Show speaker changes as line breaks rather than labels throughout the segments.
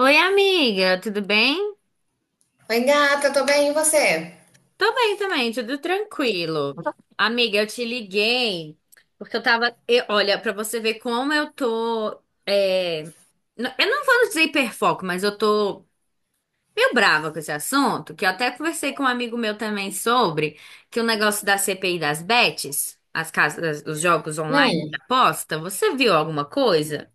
Oi, amiga, tudo bem?
Oi, gata, tô bem, e você?
Tô bem também, tudo tranquilo. Amiga, eu te liguei porque olha, pra você ver como eu tô. é, n- eu não vou dizer hiperfoco, mas eu tô meio brava com esse assunto, que eu até conversei com um amigo meu também sobre, que o negócio da CPI das bets, as casas, os jogos online de
Hum,
aposta, você viu alguma coisa?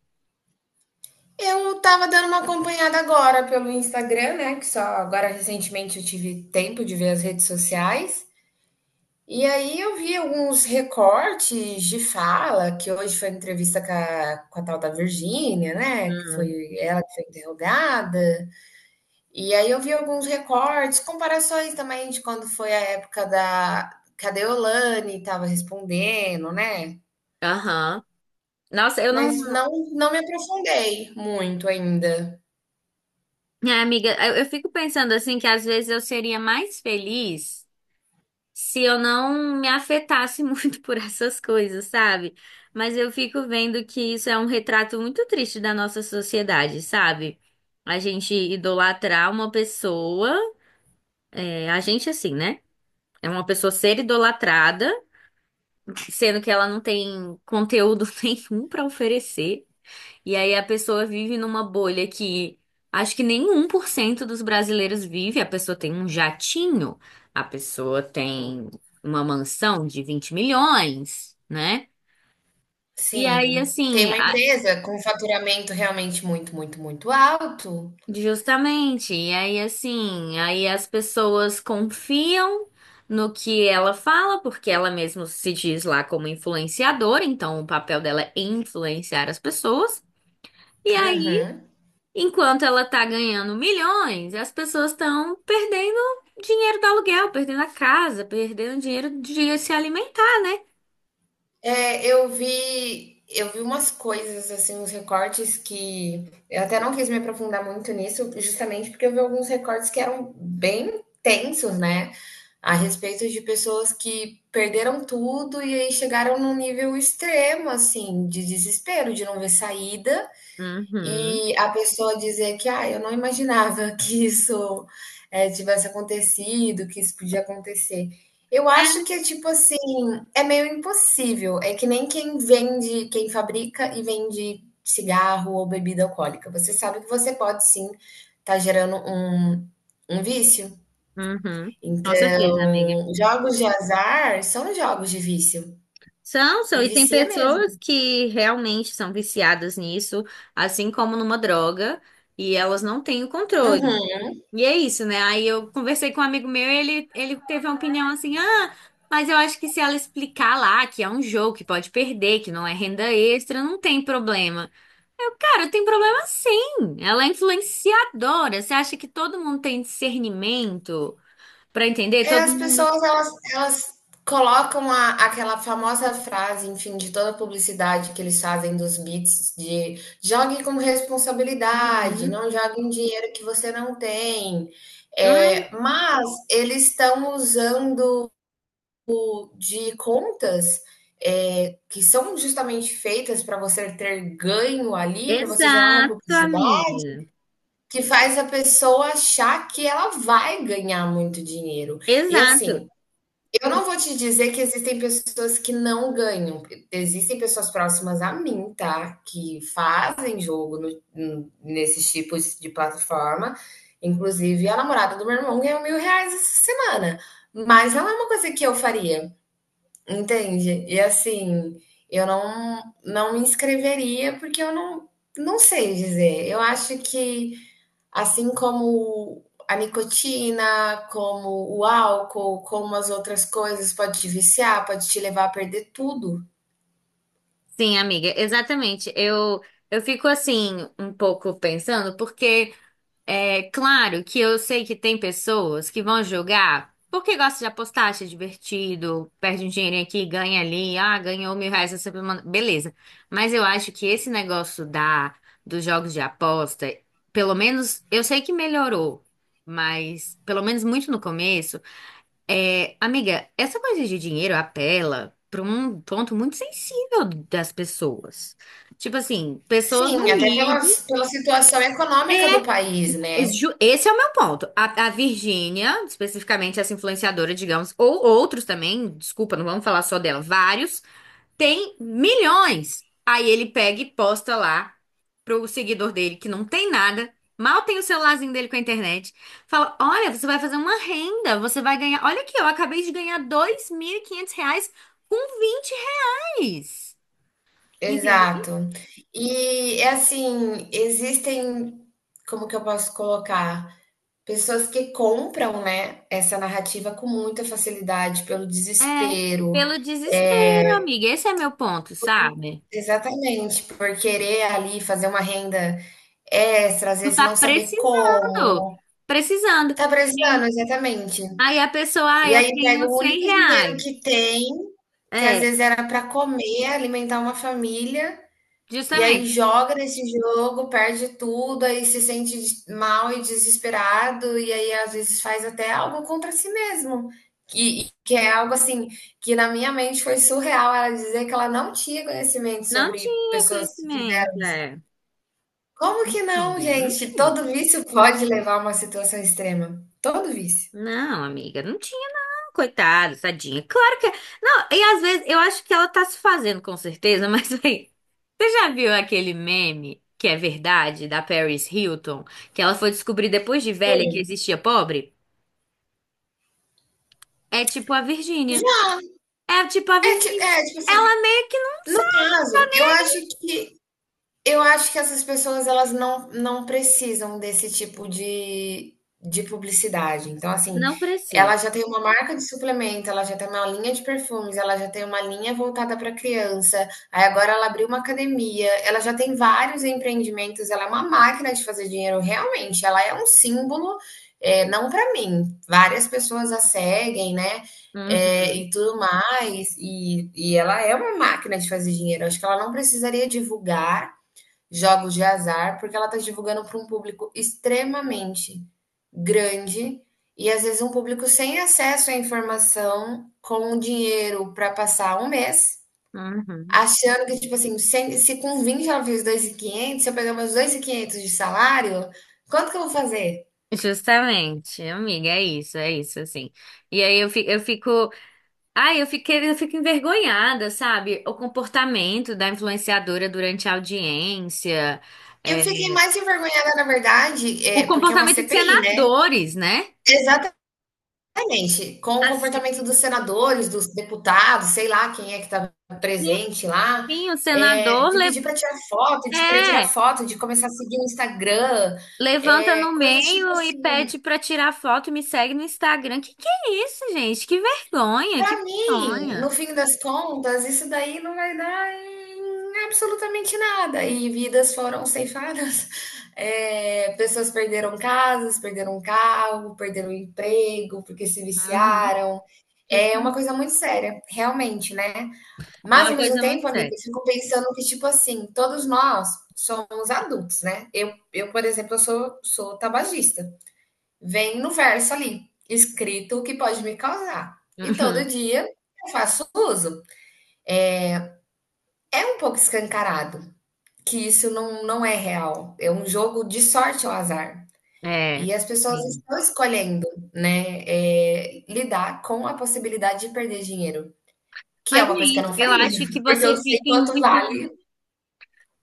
Eu tava dando uma acompanhada agora pelo Instagram, né? Que só agora recentemente eu tive tempo de ver as redes sociais. E aí eu vi alguns recortes de fala, que hoje foi entrevista com a tal da Virgínia, né? Que
Hum.
foi ela que foi interrogada. E aí eu vi alguns recortes, comparações também de quando foi a época da... Cadê Olane estava respondendo, né?
Aham. Nossa, eu não.
Mas não me aprofundei muito ainda.
Minha amiga, eu fico pensando assim que às vezes eu seria mais feliz se eu não me afetasse muito por essas coisas, sabe? Mas eu fico vendo que isso é um retrato muito triste da nossa sociedade, sabe? A gente idolatrar uma pessoa, a gente assim, né? É uma pessoa ser idolatrada, sendo que ela não tem conteúdo nenhum pra oferecer. E aí a pessoa vive numa bolha que acho que nem 1% dos brasileiros vive. A pessoa tem um jatinho, a pessoa tem uma mansão de 20 milhões, né? E aí,
Sim, tem
assim,
uma empresa com faturamento realmente muito, muito, muito alto.
justamente. E aí, assim, aí as pessoas confiam no que ela fala, porque ela mesma se diz lá como influenciadora, então o papel dela é influenciar as pessoas. E aí,
Uhum.
enquanto ela tá ganhando milhões, as pessoas estão perdendo dinheiro do aluguel, perdendo a casa, perdendo dinheiro de se alimentar, né?
É, eu vi umas coisas, assim, uns recortes que eu até não quis me aprofundar muito nisso, justamente porque eu vi alguns recortes que eram bem tensos, né, a respeito de pessoas que perderam tudo e aí chegaram num nível extremo, assim, de desespero, de não ver saída.
Uhum,
E a pessoa dizer que, ah, eu não imaginava que isso tivesse acontecido, que isso podia acontecer. Eu acho que é tipo assim, é meio impossível. É que nem quem vende, quem fabrica e vende cigarro ou bebida alcoólica. Você sabe que você pode sim estar gerando um vício.
uhum. Com certeza, amiga.
Então, jogos de azar são jogos de vício.
São, são,
E
e tem
vicia
pessoas
mesmo.
que realmente são viciadas nisso, assim como numa droga, e elas não têm o controle.
Uhum.
E é isso, né? Aí eu conversei com um amigo meu e ele teve uma opinião assim: ah, mas eu acho que se ela explicar lá que é um jogo que pode perder, que não é renda extra, não tem problema. Eu, cara, tem problema sim. Ela é influenciadora. Você acha que todo mundo tem discernimento pra entender?
É,
Todo
as
mundo.
pessoas elas colocam a, aquela famosa frase, enfim, de toda publicidade que eles fazem dos beats de jogue com responsabilidade,
Uhum.
não jogue em dinheiro que você não tem.
Mas-
É, mas eles estão usando de contas que são justamente feitas para você ter ganho ali, para você gerar uma
Exato,
publicidade,
amiga.
que faz a pessoa achar que ela vai ganhar muito dinheiro. E
Exato.
assim, eu não vou te dizer que existem pessoas que não ganham. Existem pessoas próximas a mim, tá? Que fazem jogo nesses tipos de plataforma. Inclusive, a namorada do meu irmão ganhou 1.000 reais essa semana. Mas não é uma coisa que eu faria, entende? E assim, eu não me inscreveria porque eu não, não sei dizer. Eu acho que. Assim como a nicotina, como o álcool, como as outras coisas, pode te viciar, pode te levar a perder tudo.
Sim, amiga, exatamente. Eu fico assim um pouco pensando. Porque. É claro que eu sei que tem pessoas que vão jogar porque gosta de apostar, acha divertido, perde um dinheirinho aqui, ganha ali, ah, ganhou 1.000 reais essa semana, beleza. Mas eu acho que esse negócio dos jogos de aposta, pelo menos, eu sei que melhorou, mas pelo menos muito no começo, é, amiga, essa coisa de dinheiro apela para um ponto muito sensível das pessoas. Tipo assim, pessoas
Sim, até pela
humildes.
pela situação econômica do país, né.
Esse é o meu ponto. A Virgínia, especificamente essa influenciadora, digamos, ou outros também, desculpa, não vamos falar só dela, vários, tem milhões. Aí ele pega e posta lá pro seguidor dele, que não tem nada, mal tem o celularzinho dele com a internet. Fala: olha, você vai fazer uma renda, você vai ganhar. Olha aqui, eu acabei de ganhar 2.500 reais com 20 reais. Entendeu?
Exato. E é assim, existem, como que eu posso colocar? Pessoas que compram, né, essa narrativa com muita facilidade pelo
É,
desespero.
pelo
É,
desespero, amiga. Esse é meu ponto, sabe?
exatamente, por querer ali fazer uma renda extra, às
Por
vezes não
tá
saber
precisando,
como.
precisando.
Tá
E
precisando, exatamente.
aí a pessoa, ah,
E
eu
aí pega
tenho
o
100
único dinheiro
reais.
que tem, que às
É,
vezes era para comer, alimentar uma família, e aí
justamente.
joga nesse jogo, perde tudo, aí se sente mal e desesperado, e aí às vezes faz até algo contra si mesmo. Que é algo assim, que na minha mente foi surreal ela dizer que ela não tinha conhecimento
Não
sobre
tinha
pessoas que...
conhecimento, é. Não
Como que não,
tinha, não
gente?
tinha.
Todo vício pode levar a uma situação extrema. Todo vício.
Não, amiga, não tinha, não. Coitada, tadinha. Claro que. Não, e às vezes eu acho que ela tá se fazendo com certeza, mas aí. Você já viu aquele meme que é verdade da Paris Hilton? Que ela foi descobrir depois de velha que
Hum.
existia pobre? É tipo a Virgínia. É tipo a Virgínia.
Tipo assim,
Ela meio que não
no
sabe.
caso, eu acho que. Eu acho que essas pessoas elas não, não precisam desse tipo de publicidade. Então, assim,
Não precisa.
ela já tem uma marca de suplemento, ela já tem uma linha de perfumes, ela já tem uma linha voltada para criança. Aí agora ela abriu uma academia, ela já tem vários empreendimentos, ela é uma máquina de fazer dinheiro, realmente. Ela é um símbolo, é, não para mim. Várias pessoas a seguem, né? É,
Uhum,
e tudo mais, e ela é uma máquina de fazer dinheiro. Acho que ela não precisaria divulgar jogos de azar, porque ela está divulgando para um público extremamente grande e às vezes um público sem acesso à informação, com um dinheiro para passar um mês,
uhum.
achando que, tipo assim, se com 20 ela e quinhentos, se eu pegar meus 2.500 de salário, quanto que eu vou fazer?
Justamente, amiga, é isso, assim. E aí eu fico, ai, eu fiquei, eu fico envergonhada, sabe? O comportamento da influenciadora durante a audiência,
Eu
é,
fiquei mais envergonhada, na verdade,
o
é, porque é uma
comportamento dos
CPI, né?
senadores, né?
Exatamente. Exatamente. Com o
Assim,
comportamento dos senadores, dos deputados, sei lá quem é que está
sim,
presente lá,
sim, o senador
de
le-
pedir para tirar foto, de querer tirar
é.
foto, de começar a seguir no Instagram,
Levanta no
coisas tipo
meio e
assim.
pede pra tirar foto e me segue no Instagram. Que é isso, gente? Que vergonha, que
Para mim, no
vergonha.
fim das contas, isso daí não vai dar em absolutamente nada. E vidas foram ceifadas. Pessoas perderam casas, perderam carro, perderam emprego porque se
Uhum,
viciaram. É uma
justamente.
coisa muito séria, realmente, né?
É
Mas,
uma
ao mesmo
coisa muito
tempo, amiga,
séria.
eu fico pensando que, tipo assim, todos nós somos adultos, né? Eu por exemplo, eu sou tabagista. Vem no verso ali, escrito o que pode me causar. E todo
Uhum,
dia eu faço uso. É um pouco escancarado que isso não é real. É um jogo de sorte ao azar.
é,
E as pessoas
sim.
estão escolhendo, né, é, lidar com a possibilidade de perder dinheiro, que é
Mas é
uma coisa que eu
isso.
não
Eu
faria,
acho que
porque eu
você
sei
fica em
quanto
muito.
vale.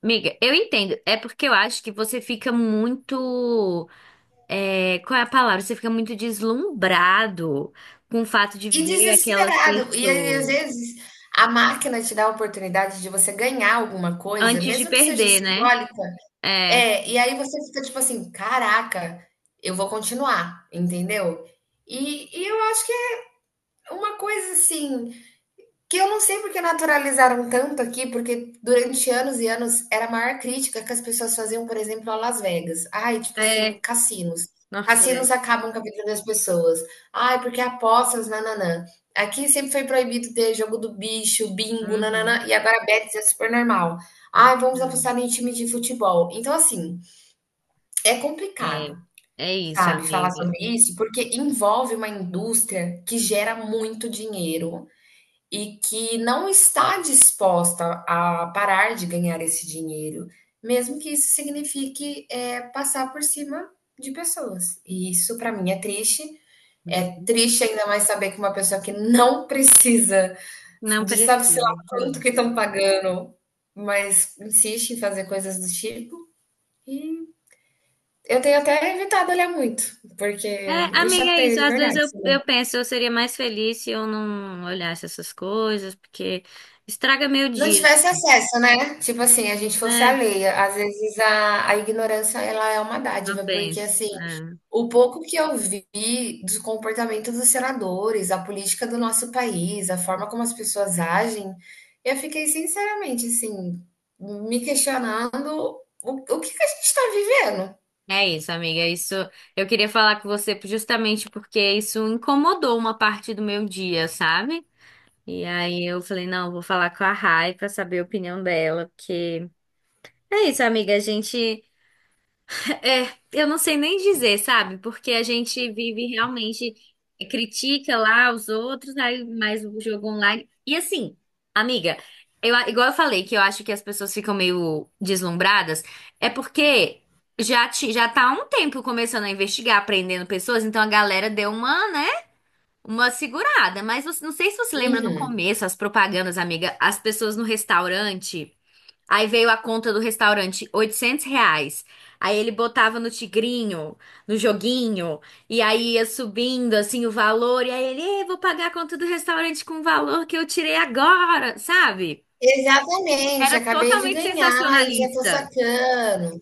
Miga, eu entendo. É porque eu acho que você fica muito. Qual é a palavra? Você fica muito deslumbrado com o fato de
E
ver aquelas
desesperado. E aí, às
pessoas
vezes a máquina te dá a oportunidade de você ganhar alguma coisa,
antes de
mesmo que seja
perder, né?
simbólica.
É,
É, e aí você fica tipo assim: "Caraca, eu vou continuar", entendeu? E eu acho que é uma coisa assim que eu não sei porque naturalizaram tanto aqui, porque durante anos e anos era a maior crítica que as pessoas faziam, por exemplo, a Las Vegas. Ai, tipo assim,
é.
cassinos.
Nossa,
Cassinos
é.
acabam com a vida das pessoas. Ai, porque é apostas, nananã. Aqui sempre foi proibido ter jogo do bicho, bingo,
Uhum.
nananã. E agora bets é super normal. Ai, vamos
Hum.
apostar em time de futebol. Então, assim, é
É,
complicado,
é isso,
sabe, falar
amiga.
sobre isso, porque envolve uma indústria que gera muito dinheiro, e que não está disposta a parar de ganhar esse dinheiro, mesmo que isso signifique, é, passar por cima de pessoas. E isso para mim é triste. É triste ainda mais saber que uma pessoa que não precisa,
Não
de sabe se lá
precisa.
quanto
Hum.
que estão pagando, mas insiste em fazer coisas do tipo. E eu tenho até evitado olhar muito, porque
É,
me
amiga, é isso.
chateia de
Às vezes
verdade.
eu penso, eu seria mais feliz se eu não olhasse essas coisas, porque estraga meu
Não
dia,
tivesse acesso, né? Tipo assim, a gente fosse
né?
alheia. Às vezes a ignorância ela é uma
Uma
dádiva, porque
benção.
assim,
É.
o pouco que eu vi do comportamento dos senadores, a política do nosso país, a forma como as pessoas agem, eu fiquei sinceramente assim, me questionando o que que a gente está vivendo.
É isso, amiga. Isso eu queria falar com você justamente porque isso incomodou uma parte do meu dia, sabe? E aí eu falei, não, vou falar com a Rai pra saber a opinião dela, porque é isso, amiga. A gente. É, eu não sei nem dizer, sabe? Porque a gente vive realmente, critica lá os outros, aí mais o jogo online. E assim, amiga, eu, igual eu falei que eu acho que as pessoas ficam meio deslumbradas, é porque já tá há um tempo começando a investigar, prendendo pessoas, então a galera deu uma, né? Uma segurada. Não sei se você lembra no
Uhum.
começo, as propagandas, amiga, as pessoas no restaurante. Aí veio a conta do restaurante, 800 reais. Aí ele botava no tigrinho, no joguinho, e aí ia subindo assim o valor, e aí ele, "Ei, vou pagar a conta do restaurante com o valor que eu tirei agora, sabe?
Exatamente,
Era
acabei de
totalmente
ganhar e já tô
sensacionalista.
sacando.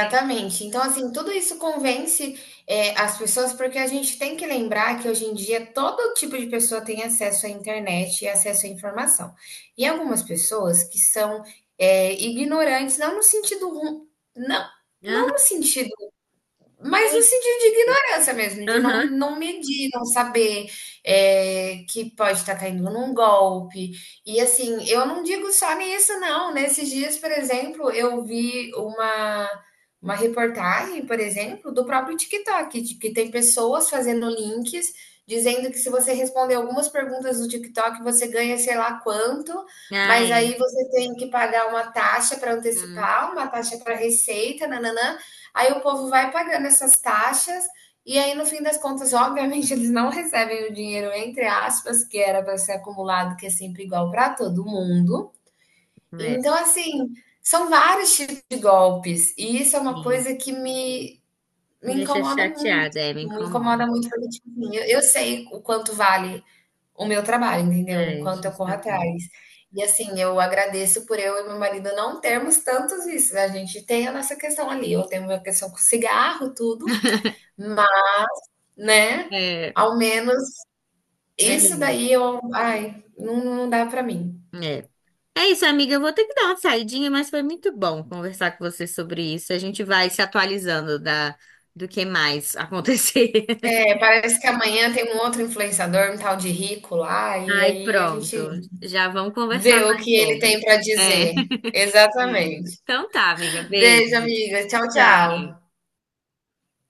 É.
Então, assim, tudo isso convence, as pessoas, porque a gente tem que lembrar que hoje em dia todo tipo de pessoa tem acesso à internet e acesso à informação. E algumas pessoas que são, ignorantes, não, não
Aham.
no sentido, mas no sentido de ignorância mesmo, de
Aham.
não medir, não saber, é, que pode estar caindo num golpe. E assim, eu não digo só nisso, não. Nesses dias, por exemplo, eu vi uma reportagem, por exemplo, do próprio TikTok, de que tem pessoas fazendo links dizendo que se você responder algumas perguntas do TikTok, você ganha sei lá quanto,
Ah,
mas
é.
aí você tem que pagar uma taxa para
Hum,
antecipar, uma taxa para receita, nananã. Aí o povo vai pagando essas taxas e aí no fim das contas, obviamente, eles não recebem o dinheiro entre aspas que era para ser acumulado, que é sempre igual para todo mundo.
é.
Então, assim, são vários tipos de golpes e isso é uma
Sim.
coisa que me
Me
me
deixa
incomoda muito,
chateada, é, me
me
incomoda.
incomoda muito porque, tipo assim, eu sei o quanto vale o meu trabalho, entendeu? O
É,
quanto eu corro atrás.
justamente.
E assim, eu agradeço por eu e meu marido não termos tantos vícios. A gente tem a nossa questão ali, eu tenho a minha questão com cigarro, tudo, mas, né,
É,
ao menos isso
é.
daí eu, ai, não dá pra mim.
É. É isso, amiga. Eu vou ter que dar uma saidinha, mas foi muito bom conversar com você sobre isso. A gente vai se atualizando do que mais acontecer.
É, parece que amanhã tem um outro influenciador, um tal de Rico lá, e
Ai,
aí a
pronto.
gente
Já vamos conversar
vê o
mais
que ele tem
sobre.
pra
É.
dizer.
Isso.
Exatamente.
Então tá, amiga. Beijo.
Beijo, amiga. Tchau, tchau.
Tchau.